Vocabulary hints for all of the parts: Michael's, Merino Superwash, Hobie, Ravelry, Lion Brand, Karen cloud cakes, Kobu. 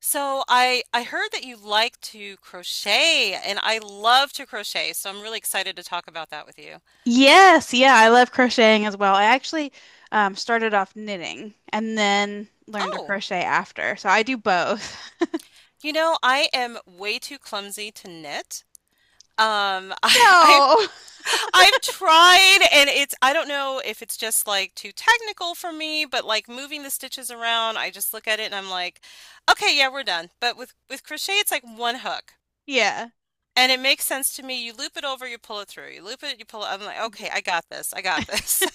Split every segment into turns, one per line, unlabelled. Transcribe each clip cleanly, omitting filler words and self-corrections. So I heard that you like to crochet and I love to crochet, so I'm really excited to talk about that with you.
Yes, yeah, I love crocheting as well. I actually started off knitting and then learned to
Oh,
crochet after. So I do both.
I am way too clumsy to knit. Um, I, I
No.
I've tried and it's I don't know if it's just like too technical for me, but like moving the stitches around, I just look at it and I'm like, okay, yeah, we're done. But with crochet, it's like one hook.
Yeah.
And it makes sense to me. You loop it over, you pull it through. You loop it, you pull it. I'm like, okay,
Mhm.
I got this. I got this.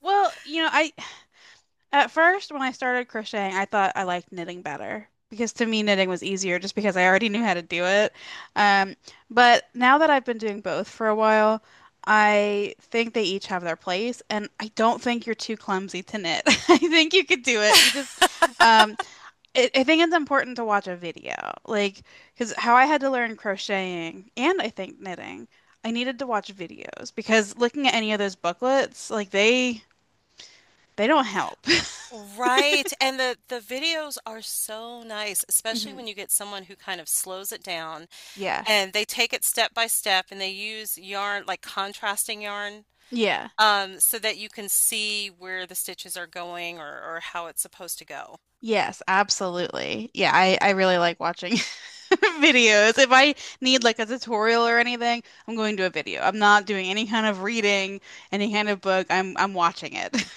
Well, you know, I at first when I started crocheting, I thought I liked knitting better because to me knitting was easier just because I already knew how to do it. Um, but now that I've been doing both for a while, I think they each have their place, and I don't think you're too clumsy to knit. I think you could do it. You just um, I think it's important to watch a video. Like, because how I had to learn crocheting and I think knitting, I needed to watch videos because looking at any of those booklets, like they don't help.
Right, and the videos are so nice, especially
Hmm.
when you get someone who kind of slows it down
Yeah.
and they take it step by step and they use yarn, like contrasting yarn,
Yeah.
so that you can see where the stitches are going or how it's supposed to go.
Yes, absolutely. Yeah, I really like watching videos. If I need like a tutorial or anything, I'm going to a video. I'm not doing any kind of reading, any kind of book. I'm watching it.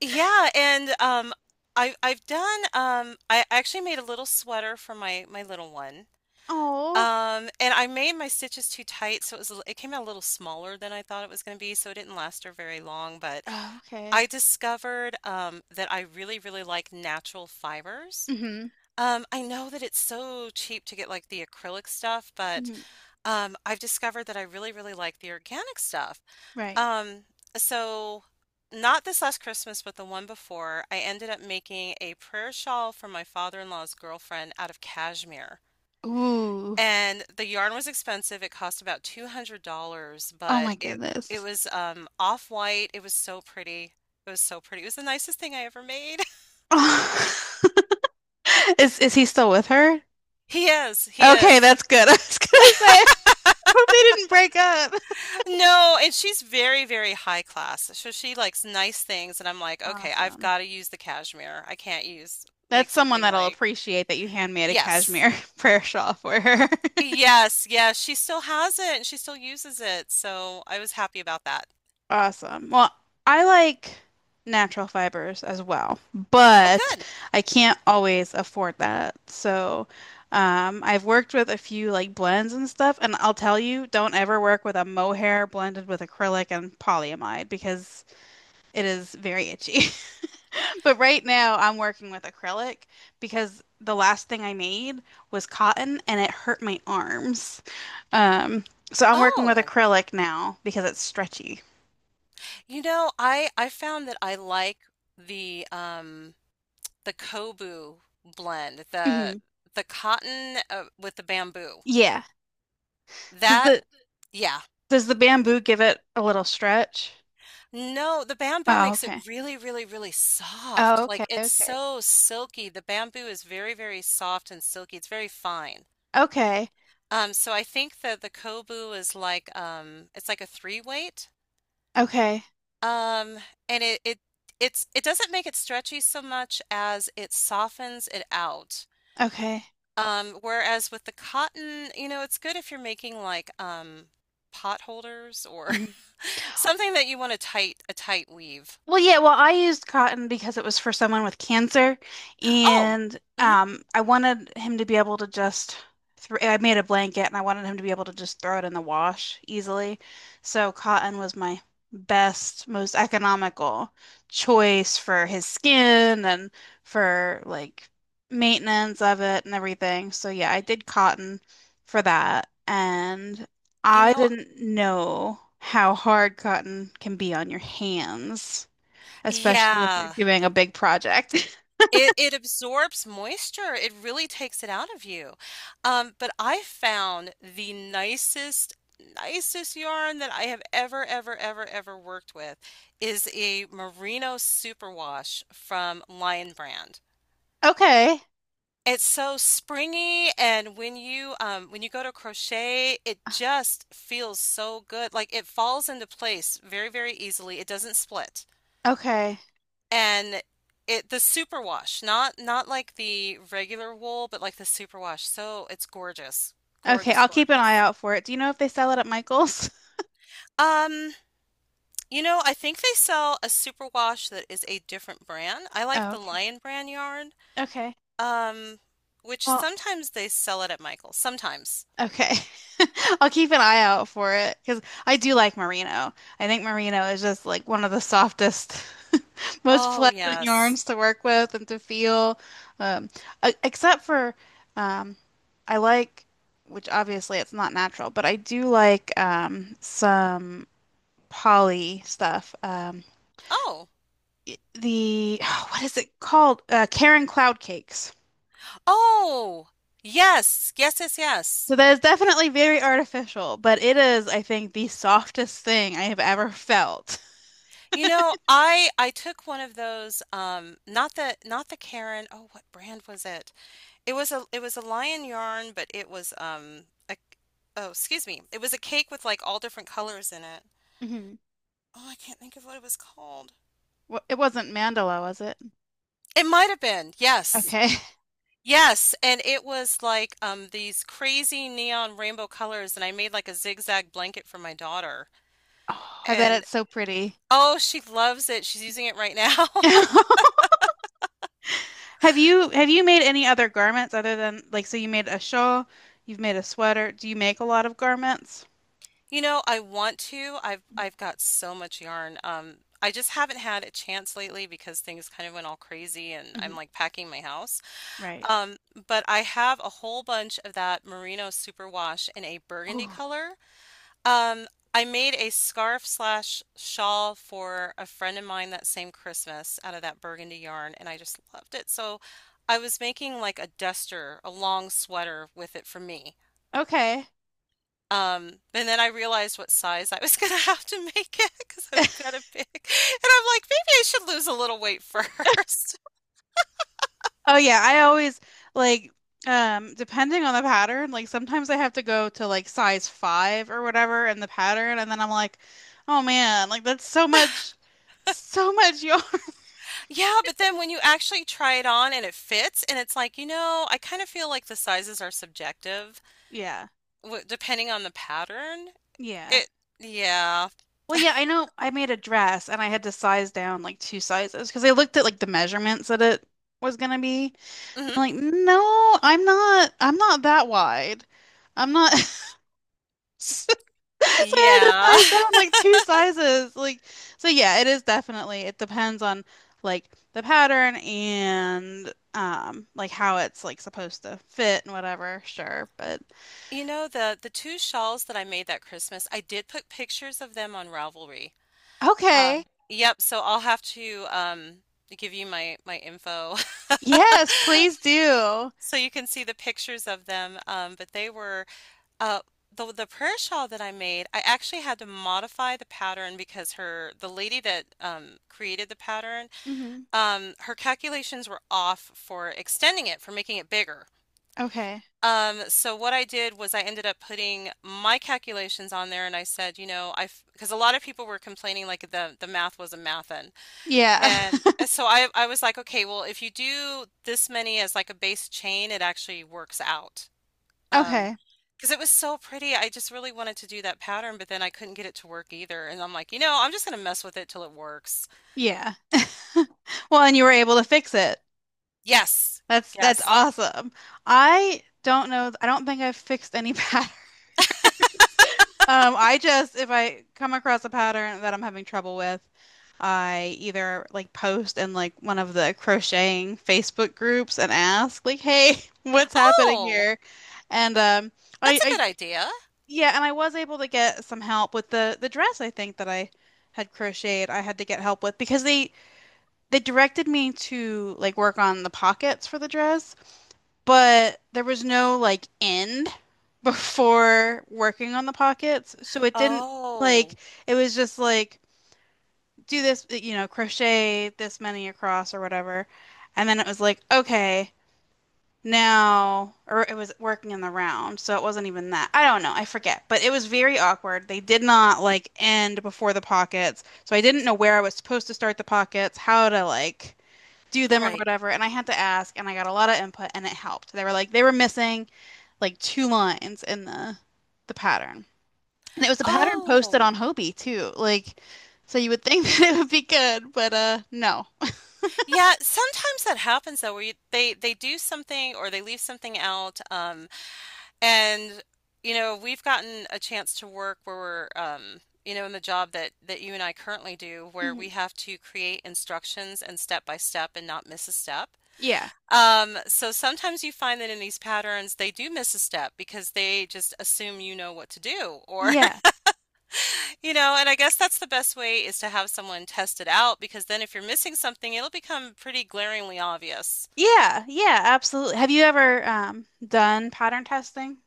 Yeah, and I've done I actually made a little sweater for my little one.
Oh,
And I made my stitches too tight, so it was it came out a little smaller than I thought it was going to be, so it didn't last her very long, but
oh, okay.
I discovered that I really, really like natural fibers.
Hmm.
I know that it's so cheap to get like the acrylic stuff, but
Hmm.
I've discovered that I really, really like the organic stuff.
Right.
Um, so, Not this last Christmas, but the one before, I ended up making a prayer shawl for my father-in-law's girlfriend out of cashmere.
Ooh.
And the yarn was expensive. It cost about $200,
Oh my
but it
goodness.
was off-white. It was so pretty. It was so pretty. It was the nicest thing I ever made.
Is he still with her?
He is. He
Okay,
is.
that's good. I was gonna say, I hope they didn't break up.
No, and she's very, very high class. So she likes nice things, and I'm like, okay, I've
Awesome.
got to use the cashmere. I can't use make
That's someone
something
that will
like
appreciate that you hand me a
yes.
cashmere prayer shawl for her.
Yes, yes, she still has it and she still uses it. So I was happy about that.
Awesome. Well, I like natural fibers as well,
Oh,
but
good.
I can't always afford that. So, I've worked with a few like blends and stuff, and I'll tell you, don't ever work with a mohair blended with acrylic and polyamide because it is very itchy. But right now, I'm working with acrylic because the last thing I made was cotton and it hurt my arms. Um, so I'm working with
Oh.
acrylic now because it's stretchy.
You know, I found that I like the um the Kobu blend,
Mhm.
the cotton with the bamboo.
Yeah. Does
That
the
yeah.
does the bamboo give it a little stretch?
No, the bamboo
Oh,
makes
okay.
it really really really
Oh,
soft.
okay,
Like it's
okay.
so silky. The bamboo is very very soft and silky. It's very fine.
Okay.
So I think that the Kobu is like it's like a three weight.
Okay.
Um and it it it's it doesn't make it stretchy so much as it softens it out.
Okay.
Whereas with the cotton, you know, it's good if you're making like pot holders or something that you want a tight weave.
Well, yeah, well, I used cotton because it was for someone with cancer,
Oh,
and
mhm.
I wanted him to be able to just throw, I made a blanket and I wanted him to be able to just throw it in the wash easily. So cotton was my best, most economical choice for his skin and for like maintenance of it and everything. So yeah, I did cotton for that, and
You
I
know,
didn't know how hard cotton can be on your hands especially if you're
yeah.
doing a big project.
It it absorbs moisture. It really takes it out of you. But I found the nicest yarn that I have ever ever ever ever worked with is a Merino Superwash from Lion Brand.
Okay.
It's so springy, and when you go to crochet, it just feels so good. Like it falls into place very, very easily. It doesn't split.
Okay.
And it The superwash, not like the regular wool, but like the superwash. So it's gorgeous.
Okay.
Gorgeous,
I'll keep an eye
gorgeous.
out for it. Do you know if they sell it at Michael's?
Um, you know, I think they sell a superwash that is a different brand. I like
Oh,
the
okay.
Lion brand yarn,
Okay.
um, which
Well,
sometimes they sell it at Michael's. Sometimes.
okay. I'll keep an eye out for it because I do like merino. I think merino is just like one of the softest, most
Oh,
pleasant
yes.
yarns to work with and to feel. Um, Except for, um, I like, which obviously it's not natural, but I do like some poly stuff.
Oh,
The what is it called? Karen cloud cakes.
oh, yes, yes, yes,
So
yes.
that is definitely very artificial, but it is, I think, the softest thing I have ever felt.
You know, I took one of those, not the not the Karen. Oh, what brand was it? It was a lion yarn, but it was a oh, excuse me, it was a cake with like all different colors in it.
Hmm.
Oh, I can't think of what it was called.
It wasn't mandala, was it?
It might have been, yes.
Okay.
Yes, and it was like these crazy neon rainbow colors, and I made like a zigzag blanket for my daughter.
Oh, I bet it's so pretty.
Oh, she loves it. She's using it right now.
Have you made any other garments other than like so you made a shawl, you've made a sweater. Do you make a lot of garments?
You know, I want to. I've got so much yarn. I just haven't had a chance lately because things kind of went all crazy and I'm
Hmm.
like packing my house.
Right.
Um, but I have a whole bunch of that merino superwash in a burgundy
Oh,
color. Um, I made a scarf slash shawl for a friend of mine that same Christmas out of that burgundy yarn, and I just loved it. So I was making like a duster, a long sweater with it for me.
okay.
And then I realized what size I was gonna have to make it because I'm kind of big. And I'm like, maybe I should lose a little weight first.
Oh yeah, I always like depending on the pattern, like sometimes I have to go to like size 5 or whatever in the pattern and then I'm like, oh man, like that's so much yarn.
Yeah, but then when you actually try it on and it fits, and it's like, you know, I kind of feel like the sizes are subjective
Yeah.
w depending on the pattern.
Yeah.
It, yeah.
Well, yeah, I know I made a dress and I had to size down like 2 sizes because I looked at like the measurements that it was gonna be.
hmm
I'm like, no, I'm not that wide. I'm not So I had to
Yeah.
size down like two sizes. Like, so yeah, it is definitely, it depends on like the pattern and like how it's like supposed to fit and whatever, sure. But
You know, the two shawls that I made that Christmas, I did put pictures of them on Ravelry.
okay.
Yep, so I'll have to give you my info.
Yes, please do.
So you can see the pictures of them. But they were uh the prayer shawl that I made, I actually had to modify the pattern because her the lady that created the pattern,
Hmm.
her calculations were off for extending it, for making it bigger.
Okay.
So what I did was I ended up putting my calculations on there and I said, you know, I because a lot of people were complaining like the math wasn't mathin'.
Yeah.
And so I was like, okay, well, if you do this many as like a base chain, it actually works out. Um,
Okay.
because it was so pretty. I just really wanted to do that pattern, but then I couldn't get it to work either. And I'm like, you know, I'm just gonna mess with it till it works.
Yeah. Well, and you were able to fix it.
Yes.
That's
Yes.
awesome. I don't know. I don't think I've fixed any pattern. I just, if I come across a pattern that I'm having trouble with, I either like post in like one of the crocheting Facebook groups and ask like, "Hey, what's happening
Oh,
here?" And I,
that's a good
I,
idea.
yeah, and I was able to get some help with the dress I think that I had crocheted. I had to get help with because they directed me to like work on the pockets for the dress but there was no like end before working on the pockets. So it didn't like
Oh,
it was just like do this, you know, crochet this many across or whatever. And then it was like, okay, now or it was working in the round, so it wasn't even that. I don't know, I forget. But it was very awkward. They did not like end before the pockets. So I didn't know where I was supposed to start the pockets, how to like do them or
right.
whatever. And I had to ask, and I got a lot of input, and it helped. They were like, they were missing like 2 lines in the pattern. And it was a pattern posted
Oh.
on Hobie too. Like so you would think that it would be good, but no.
Yeah, sometimes that happens though, they do something or they leave something out. And, you know, we've gotten a chance to work where we're, you know, in the job that that you and I currently do, where
Mhm.
we have to create instructions and step by step and not miss a step.
Yeah.
So sometimes you find that in these patterns they do miss a step because they just assume you know what to do or
Yeah.
you know, and I guess that's the best way is to have someone test it out because then if you're missing something, it'll become pretty glaringly obvious.
Yeah. Yeah, absolutely. Have you ever done pattern testing?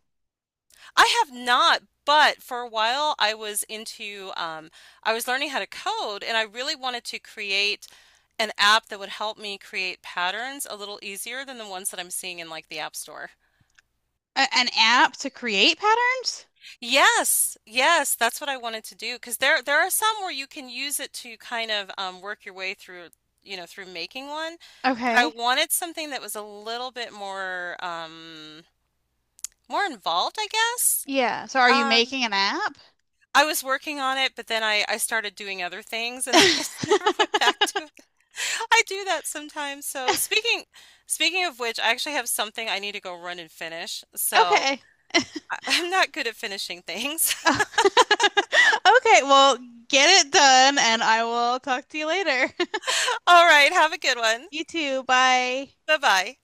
I have not, but for a while I was into I was learning how to code and I really wanted to create an app that would help me create patterns a little easier than the ones that I'm seeing in like the App Store.
A an app to create patterns?
Yes, yes, that's what I wanted to do because there are some where you can use it to kind of work your way through, you know, through making one, but I
Okay.
wanted something that was a little bit more more involved, I guess.
Yeah. So are you
Um.
making an app?
I was working on it, but then I started doing other things and I just never went back to it. I do that sometimes. So speaking of which, I actually have something I need to go run and finish. So
Okay.
I'm not good at finishing things.
Oh. Okay, well, get it done and I will talk to you later.
All right, have a good one.
You too. Bye.
Bye-bye.